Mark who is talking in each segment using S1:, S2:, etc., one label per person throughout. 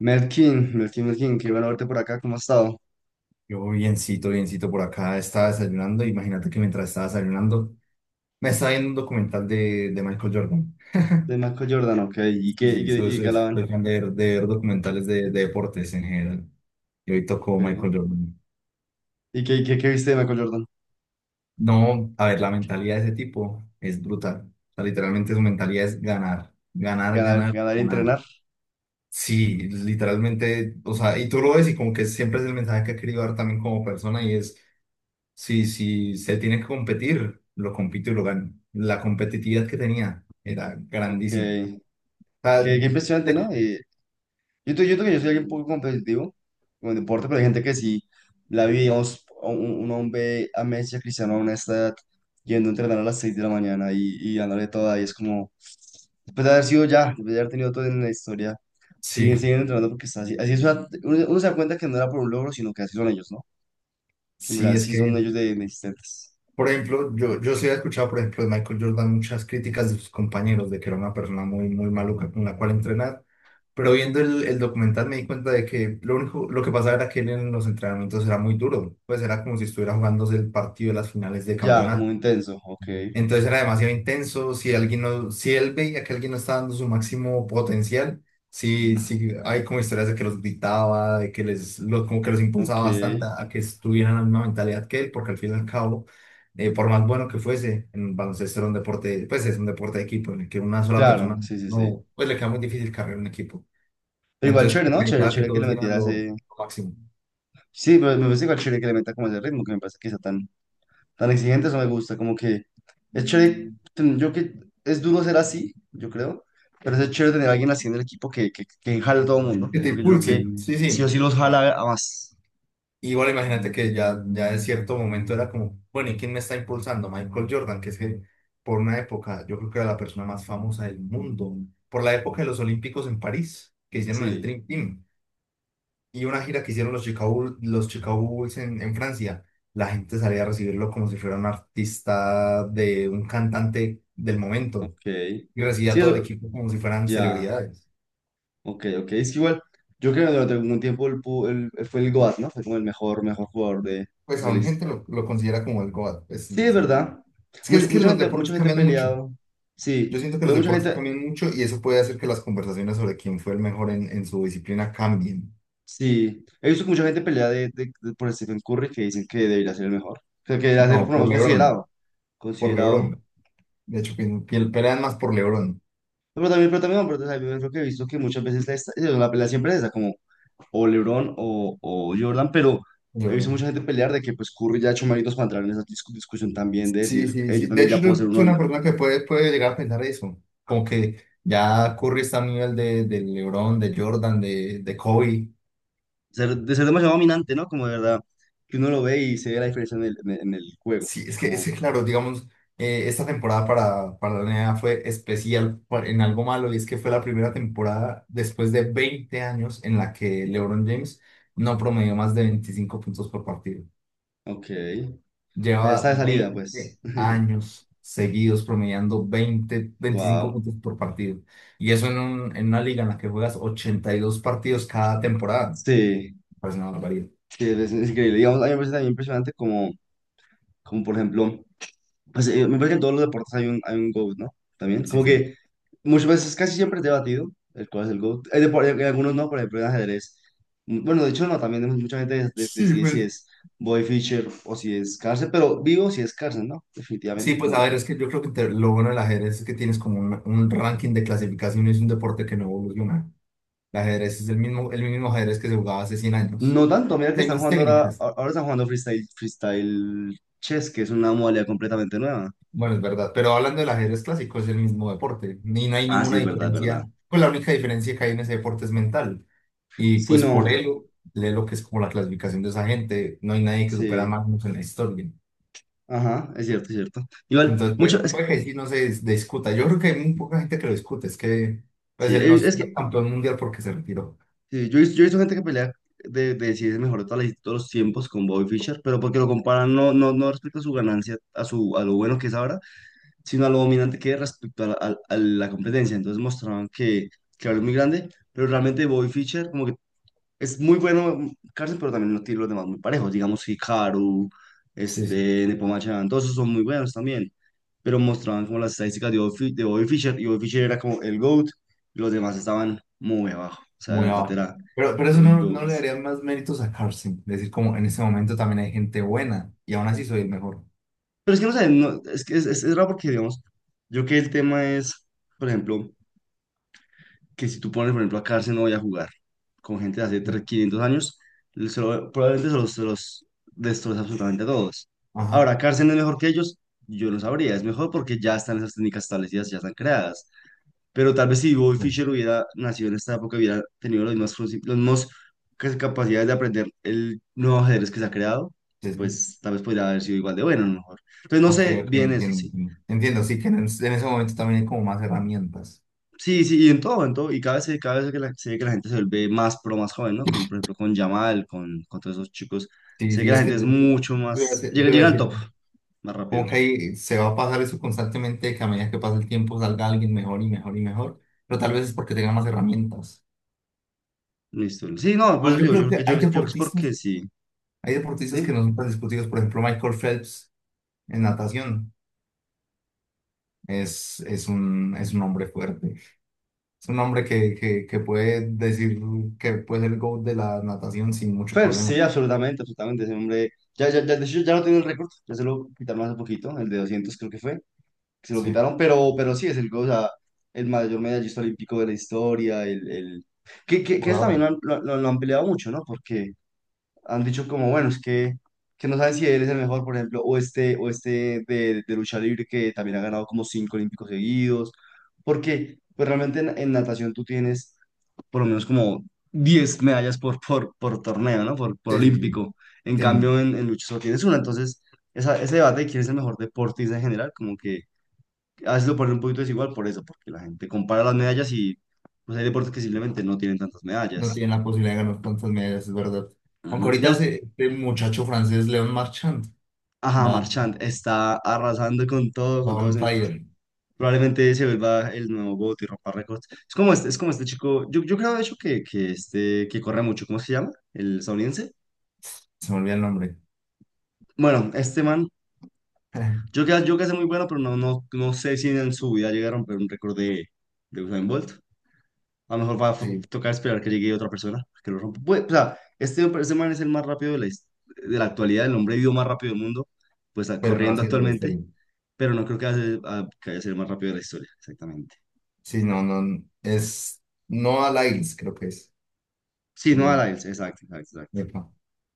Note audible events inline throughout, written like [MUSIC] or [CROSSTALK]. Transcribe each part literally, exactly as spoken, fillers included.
S1: Melkin, Melkin, Melkin, qué bueno verte por acá, ¿cómo has estado?
S2: Yo biencito, biencito por acá, estaba desayunando. Imagínate que mientras estaba desayunando, me estaba viendo un documental de, de Michael Jordan.
S1: De Michael Jordan, ok, ¿y qué, y
S2: Sí,
S1: qué,
S2: soy,
S1: y qué
S2: soy-
S1: hablaban?
S2: soy fan de, ver- de ver documentales de, de deportes en general. Y hoy tocó
S1: Ok.
S2: Michael Jordan.
S1: ¿Y qué, qué, qué viste de Michael Jordan?
S2: No, a ver, la mentalidad de ese tipo es brutal. O sea, literalmente su mentalidad es ganar, ganar,
S1: Ganar,
S2: ganar,
S1: ganar y
S2: ganar.
S1: entrenar,
S2: Sí, literalmente, o sea, y tú lo ves y como que siempre es el mensaje que ha querido dar también como persona y es si si se tiene que competir, lo compito y lo gano. La competitividad que tenía era
S1: ok,
S2: grandísima. O
S1: qué,
S2: sea,
S1: qué impresionante, ¿no?
S2: le-
S1: Y Yo te- yo creo que yo soy alguien un poco competitivo con el deporte, pero hay gente que sí la vi, digamos, a un, un hombre a Messi, a Cristiano a una esta edad, yendo a entrenar a las seis de la mañana y, y dándole toda, y es como, después de haber sido ya, después de haber tenido todo en la historia, siguen,
S2: sí,
S1: siguen entrenando porque está así. Así es una- uno, uno se da cuenta que no era por un logro, sino que así son ellos, ¿no? Que en
S2: sí,
S1: verdad
S2: es
S1: sí son
S2: que,
S1: ellos de de insistentes.
S2: por ejemplo, yo, yo sí he escuchado, por ejemplo, de Michael Jordan muchas críticas de sus compañeros de que era una persona muy, muy maluca con la cual entrenar, pero viendo el, el documental me di cuenta de que lo único, lo que pasaba era que él en los entrenamientos era muy duro, pues era como si estuviera jugándose el partido de las finales de
S1: Ya, muy
S2: campeonato.
S1: intenso, ok,
S2: Entonces era demasiado intenso. Si alguien no, si él veía que alguien no estaba dando su máximo potencial, sí, sí, hay como historias de que los gritaba, de que les, lo- como que los impulsaba
S1: ok,
S2: bastante a que estuvieran en la misma mentalidad que él, porque al fin y al cabo, eh, por más bueno que fuese, en baloncesto era un deporte, pues es un deporte de equipo, en el que una sola
S1: claro,
S2: persona
S1: sí, sí, sí.
S2: no, pues le queda muy difícil cargar un equipo.
S1: Pero igual
S2: Entonces,
S1: chévere,
S2: como que
S1: ¿no? Chévere,
S2: necesitaba que
S1: chévere que
S2: todos
S1: le
S2: dieran
S1: metieras
S2: lo,
S1: eh,
S2: lo máximo.
S1: sí, pero me parece igual chévere que le meta como ese ritmo, que me parece que sea tan, tan exigente, eso me gusta, como que es chévere, ten- yo que es duro ser así, yo creo, pero es chévere tener a alguien así en el equipo que, que, que jale a todo el mundo,
S2: Que te
S1: porque yo creo
S2: impulse,
S1: que
S2: sí,
S1: sí o
S2: sí.
S1: sí los jala a más.
S2: Y bueno, imagínate que ya, ya en cierto momento era como, bueno, ¿y quién me está impulsando? Michael Jordan, que es que por una época yo creo que era la persona más famosa del mundo, por la época de los Olímpicos en París, que hicieron el
S1: Sí,
S2: Dream Team, y una gira que hicieron los Chicago, Bull- los Chicago Bulls en, en Francia, la gente salía a recibirlo como si fuera un artista de un cantante del momento,
S1: ok.
S2: y recibía a
S1: Sí,
S2: todo el
S1: eso,
S2: equipo como si fueran
S1: ya,
S2: celebridades.
S1: ok, ok, es que igual, yo creo que durante algún tiempo el, pu- el- el- fue el GOAT, ¿no? Fue como el mejor, mejor jugador de,
S2: Pues
S1: de la
S2: aún
S1: his-
S2: gente lo, lo considera como el GOAT, pues
S1: sí,
S2: no
S1: es
S2: sé.
S1: verdad.
S2: Es que,
S1: Mucha
S2: es que
S1: mucha
S2: los
S1: gente,
S2: deportes
S1: mucha gente ha
S2: cambian mucho.
S1: peleado,
S2: Yo
S1: sí,
S2: siento que los
S1: pero mucha
S2: deportes
S1: gente...
S2: cambian mucho y eso puede hacer que las conversaciones sobre quién fue el mejor en, en su disciplina cambien.
S1: Sí, he visto que mucha gente pelea de, de- de- por Stephen Curry que dicen que debería ser el mejor. Creo que debería ser,
S2: No,
S1: por lo
S2: por
S1: menos, considerado.
S2: LeBron, por
S1: Considerado.
S2: LeBron. De hecho, que, que pelean más por LeBron.
S1: Pero también, pero también, no, pero también creo que he visto que muchas veces la, esta- la pelea siempre es esa, como o LeBron o, o Jordan, pero he visto mucha
S2: Jordan.
S1: gente pelear de que pues Curry ya ha hecho méritos para entrar en esa discu- discusión también de decir,
S2: Sí, sí,
S1: "Eh, yo
S2: sí. De
S1: también
S2: hecho,
S1: ya
S2: yo
S1: puedo ser
S2: soy
S1: uno, de-
S2: una persona que puede, puede llegar a pensar eso. Como que ya Curry está a nivel de, de LeBron, de Jordan, de, de Kobe.
S1: ser, de ser demasiado dominante, ¿no?" Como de verdad, que uno lo ve y se ve la diferencia en el, en el en el juego.
S2: Sí, es que, es
S1: Como,
S2: que, claro, digamos, eh, esta temporada para, para la N B A fue especial por- en algo malo y es que fue la primera temporada después de veinte años en la que LeBron James no promedió más de veinticinco puntos por partido.
S1: ok, o sea, ya
S2: Lleva
S1: está de salida,
S2: veinte
S1: pues. [LAUGHS]
S2: años seguidos promediando veinte veinticinco
S1: Wow.
S2: puntos por partido. Y eso en, un- en una liga en la que juegas ochenta y dos partidos cada temporada.
S1: Sí.
S2: Pues una barbaridad.
S1: Sí, es, es increíble. Digamos, a mí me parece también impresionante como, como por ejemplo, pues, eh, me parece que en todos los deportes hay un, hay un GOAT, ¿no? También,
S2: Sí,
S1: como
S2: sí.
S1: que muchas veces, casi siempre es debatido el cuál es el GOAT. Hay depo- en algunos no, por ejemplo, en ajedrez. Mm, Bueno, de hecho no, también mucha gente des- des-
S2: Sí,
S1: decide si
S2: pues.
S1: es Boy Fischer o si es Carlsen, pero vivo si es Carlsen, ¿no?
S2: Sí,
S1: Definitivamente,
S2: pues
S1: como
S2: a
S1: él.
S2: ver, es que yo creo que te- lo bueno del ajedrez es que tienes como un, un ranking de clasificación y es un deporte que no evoluciona. El ajedrez es el mismo, el mismo ajedrez que se jugaba hace cien años.
S1: No tanto, mira
S2: Pues,
S1: que
S2: hay
S1: están
S2: más
S1: jugando ahora,
S2: técnicas.
S1: ahora están jugando freestyle, freestyle chess, que es una modalidad completamente nueva.
S2: Bueno, es verdad, pero hablando del ajedrez clásico es el mismo deporte. Ni no hay
S1: Ah, sí,
S2: ninguna
S1: es verdad, es verdad.
S2: diferencia. Pues la única diferencia que hay en ese deporte es mental. Y
S1: Sí,
S2: pues por
S1: no,
S2: ello, lee lo que es como la clasificación de esa gente. No hay nadie que supera a
S1: sí.
S2: Magnus en la historia.
S1: Ajá, es cierto, es cierto. Igual,
S2: Entonces,
S1: mucho,
S2: pues,
S1: es,
S2: puede que sí no se dis- discuta. Yo creo que hay muy poca gente que lo discute. Es que pues
S1: sí,
S2: él no
S1: eh,
S2: es
S1: es que
S2: campeón mundial porque se retiró.
S1: sí, yo, he vis- yo he visto gente que pelea de, de si es el mejor de todas las- todos los tiempos con Bobby Fischer, pero porque lo comparan no, no, no respecto a su ganancia, a, su, a lo bueno que es ahora, sino a lo dominante que es respecto a la, a- a la competencia. Entonces mostraban que, que ahora es muy grande, pero realmente Bobby Fischer como que es muy bueno Carson, pero también no tiene los demás muy parejos. Digamos, Hikaru,
S2: Sí, sí,
S1: este, Nepomuchan, todos esos son muy buenos también. Pero mostraban como las estadísticas de Bobby, Fi- de Bobby Fischer, y Bobby Fischer era como el GOAT, y los demás estaban muy abajo. O sea, de
S2: muy
S1: verdad
S2: abajo.
S1: era
S2: Pero, pero eso
S1: el
S2: no, no
S1: GOAT.
S2: le daría más méritos a Carson. Decir, como en este momento también hay gente buena y aún así soy el mejor.
S1: Pero es que no sé, no- es que es, es, es raro porque, digamos, yo que el tema es, por ejemplo, que si tú pones, por ejemplo, a cárcel no voy a jugar con gente de hace
S2: Sí.
S1: trescientos, quinientos años, le- se lo- probablemente se los, se los destroza absolutamente a todos.
S2: Ajá.
S1: Ahora, cárcel es mejor que ellos, yo no sabría, es mejor porque ya están esas técnicas establecidas, ya están creadas. Pero tal vez si Bobby
S2: Sí,
S1: Fischer hubiera nacido en esta época, hubiera tenido los mismos, princip- los mismos cas- capacidades de aprender el nuevo ajedrez que se ha creado,
S2: sí. Sí.
S1: pues tal vez podría haber sido igual de bueno, a lo mejor. Entonces, no
S2: Ok,
S1: sé
S2: ok,
S1: bien eso,
S2: entiendo.
S1: sí.
S2: Entiendo, entiendo, sí que en, en ese momento también hay como más herramientas.
S1: Sí, sí, y en todo, en todo, y cada vez, se- cada vez que la- se ve que la gente se vuelve más pro, más joven, ¿no? Con, por ejemplo, con Yamal, con, con todos esos chicos,
S2: Sí,
S1: se ve que
S2: sí,
S1: la
S2: es
S1: gente
S2: que
S1: es
S2: yo-
S1: mucho
S2: yo iba a
S1: más,
S2: decir,
S1: llega,
S2: yo iba a
S1: llega al
S2: decir,
S1: top más
S2: como
S1: rápido,
S2: que ahí se va a pasar eso constantemente, que a medida que pasa el tiempo salga alguien mejor y mejor y mejor, pero tal vez es porque tenga más herramientas.
S1: listo. Sí, no, por
S2: Igual
S1: eso
S2: yo
S1: digo, yo
S2: creo
S1: creo que,
S2: que
S1: yo,
S2: hay
S1: yo creo que es
S2: deportistas,
S1: porque sí,
S2: hay deportistas que
S1: ¿sí?
S2: no son tan discutidos, por ejemplo, Michael Phelps en natación. es, es un, es un hombre fuerte. Es un hombre que, que, que puede decir que puede ser el GOAT de la natación sin mucho
S1: Pues
S2: problema.
S1: sí, absolutamente, absolutamente, ese hombre, ya, ya, ya, de hecho ya no tiene el récord, ya se lo quitaron hace poquito, el de doscientos creo que fue, que se lo
S2: Sí,
S1: quitaron, pero, pero sí, es el, o sea, el mayor medallista olímpico de la historia, el, el... Que, que, que
S2: por
S1: eso también
S2: ahora.
S1: lo han, lo, lo- lo han peleado mucho, ¿no? Porque han dicho como, bueno, es que, que no saben si él es el mejor, por ejemplo, o este, o este de, de lucha libre que también ha ganado como cinco olímpicos seguidos, porque pues realmente en, en natación tú tienes por lo menos como diez medallas por, por, por torneo, ¿no? Por, por
S2: Sí, sí, sí.
S1: olímpico. En cambio,
S2: Tien-
S1: en, en lucha solo tienes una, entonces esa, ese debate de quién es el mejor deportista en general, como que a veces lo ponen un poquito desigual por eso, porque la gente compara las medallas y pues hay deportes que simplemente no tienen tantas
S2: no
S1: medallas.
S2: tiene la posibilidad de ganar tantas medallas, es verdad. Aunque
S1: Ujú.
S2: ahorita
S1: Digamos,
S2: ese, este muchacho francés, Leon Marchand,
S1: ajá,
S2: va,
S1: Marchand está arrasando con todo, con
S2: va
S1: todo.
S2: on
S1: ese-
S2: fire.
S1: Probablemente se vuelva el nuevo GOAT y rompa récords. Es como este, es como este chico, yo, yo creo de hecho que, que este, que corre mucho, ¿cómo se llama? El estadounidense.
S2: Se me olvida el nombre.
S1: Bueno, este man, yo
S2: [LAUGHS]
S1: creo, yo creo que es muy bueno, pero no, no, no sé si en su vida llega a romper un récord de, de Usain Bolt. A lo mejor va a f-
S2: Sí,
S1: tocar esperar que llegue otra persona que lo rompa. Pues, o sea, este, este man es el más rápido de la, his- de la actualidad, el hombre vivo más rápido del mundo, pues ah,
S2: pero no
S1: corriendo
S2: así es la
S1: actualmente.
S2: historia.
S1: Pero no creo que vaya, a, a- que vaya a ser el más rápido de la historia, exactamente.
S2: Sí, no, no. Es Noah Lyles, creo que es.
S1: Sí, no a
S2: El,
S1: Lyles, exacto, exacto, exacto.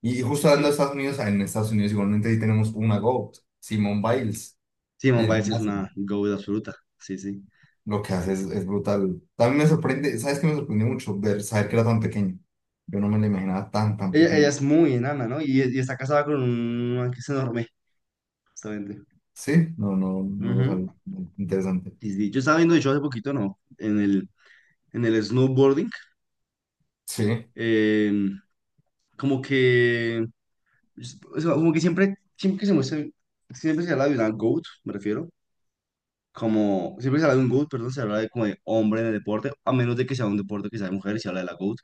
S2: Y
S1: Sí,
S2: justo hablando de
S1: sí.
S2: Estados Unidos, en Estados Unidos igualmente ahí tenemos una GOAT, Simone Biles,
S1: Sí,
S2: en
S1: Simone
S2: el
S1: Biles es
S2: gimnasio.
S1: una goat absoluta. Sí, sí,
S2: Lo que hace
S1: sí,
S2: es,
S1: sí.
S2: es brutal. También me sorprende, ¿sabes qué me sorprendió mucho? Ver, saber que era tan pequeño. Yo no me la imaginaba tan, tan
S1: Ella, ella
S2: pequeña.
S1: es muy enana, ¿no? Y, y está casada con un man que es enorme, justamente.
S2: Sí, no, no, no lo
S1: Ujú.
S2: sabía. Interesante.
S1: Sí, sí. Yo estaba viendo, de hecho, hace poquito, ¿no? En el, en el snowboarding,
S2: Sí,
S1: eh, como que, o sea, como que siempre, siempre que se muestra, siempre se habla de una goat, me refiero, como siempre se habla de un GOAT, perdón, se habla de como de hombre en el deporte, a menos de que sea un deporte que sea de mujer y se habla de la GOAT,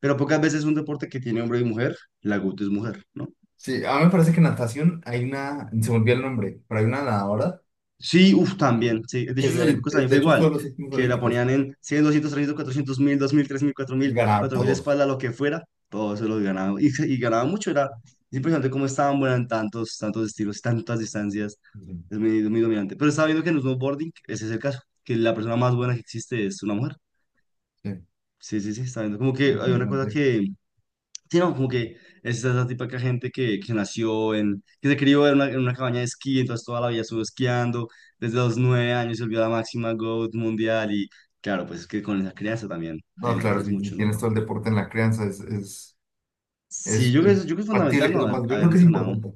S1: pero pocas veces un deporte que tiene hombre y mujer, la GOAT es mujer, ¿no?
S2: sí, a mí me parece que en natación hay una, se me olvidó el nombre, pero hay una nadadora
S1: Sí, uff, también, sí, de
S2: que
S1: hecho los
S2: se-
S1: olímpicos también
S2: de
S1: fue
S2: hecho estuvo
S1: igual,
S2: en los últimos
S1: que la
S2: Olímpicos
S1: ponían en cien, doscientos, trescientos, cuatrocientos, mil, dos mil, mil, tres mil, cuatro
S2: y
S1: mil,
S2: ganaba
S1: cuatro mil
S2: todos.
S1: espalda, lo que fuera, todo eso lo ganaba, y, y ganaba mucho, era es impresionante cómo estaban buenas en tantos, tantos estilos, tantas distancias,
S2: Sí,
S1: es muy, muy dominante, pero estaba viendo que en el snowboarding ese es el caso, que la persona más buena que existe es una mujer.
S2: sí,
S1: Sí, sí, sí, está viendo. Como que hay una cosa
S2: interesante.
S1: que, sí, no, como que es esa esa típica gente que, que nació en, que se crió en una, en una cabaña de esquí, entonces toda la vida estuvo esquiando, desde los nueve años se volvió la máxima GOAT mundial y claro, pues es que con esa crianza también te
S2: No, claro,
S1: beneficias
S2: si, si
S1: mucho, ¿no?
S2: tienes todo el deporte en la crianza, es, es
S1: Sí,
S2: Es,
S1: yo creo que
S2: es
S1: es, yo creo que es
S2: factible
S1: fundamental
S2: que
S1: no
S2: eso
S1: haber,
S2: pase. Yo
S1: haber
S2: creo que es
S1: entrenado.
S2: importante.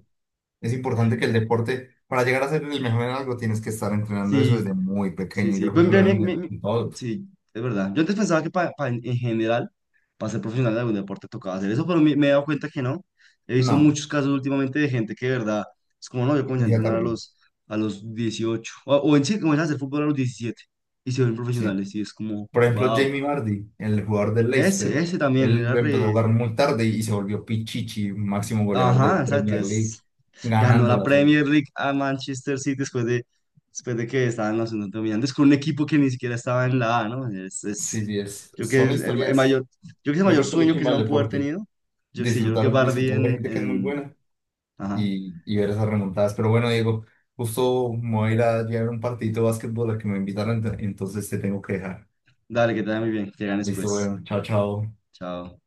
S2: Es importante que el deporte, para llegar a ser el mejor en algo, tienes que estar entrenando eso desde
S1: Sí,
S2: muy
S1: sí,
S2: pequeño.
S1: sí.
S2: Yo
S1: Pues,
S2: creo que lo
S1: mira, mi-
S2: vemos
S1: mi-
S2: en,
S1: mi-
S2: en todos.
S1: sí, es verdad. Yo antes pensaba que para para ser profesional de algún deporte tocaba hacer eso, pero me, me he dado cuenta que no. He visto
S2: No,
S1: muchos casos últimamente de gente que de verdad es como, no, yo comencé a
S2: inicia
S1: entrenar a
S2: tarde.
S1: los, a los dieciocho o, o en sí, comencé a hacer fútbol a los diecisiete y se ven
S2: Sí.
S1: profesionales y es como,
S2: Por ejemplo,
S1: wow,
S2: Jamie Vardy, el jugador del Leicester,
S1: ese, ese también era
S2: él empezó a
S1: re...
S2: jugar muy tarde y se volvió Pichichi, máximo goleador de la
S1: Ajá, exacto,
S2: Premier League,
S1: es ganó la
S2: ganándolas. o-
S1: Premier League a Manchester City después de, después de que estaban los dominantes con un equipo que ni siquiera estaba en la A, ¿no? Es, es-
S2: Sí, sí, es,
S1: yo creo que
S2: son
S1: es el, el mayor,
S2: historias.
S1: yo creo que es el
S2: Yo
S1: mayor
S2: creo que lo
S1: sueño que se
S2: chimba
S1: van
S2: del
S1: pudo haber
S2: deporte,
S1: tenido. Yo sí, yo creo que
S2: disfrutar,
S1: Bardi
S2: disfrutar de
S1: en,
S2: gente que es muy
S1: en...
S2: buena
S1: Ajá.
S2: y, y ver esas remontadas. Pero bueno, Diego, justo me voy a ir a llevar un partidito de básquetbol al que me invitaron, ent- entonces te tengo que dejar.
S1: Dale, que te vaya muy bien. Que ganes
S2: Listo,
S1: pues.
S2: bueno, chao, chao.
S1: Chao.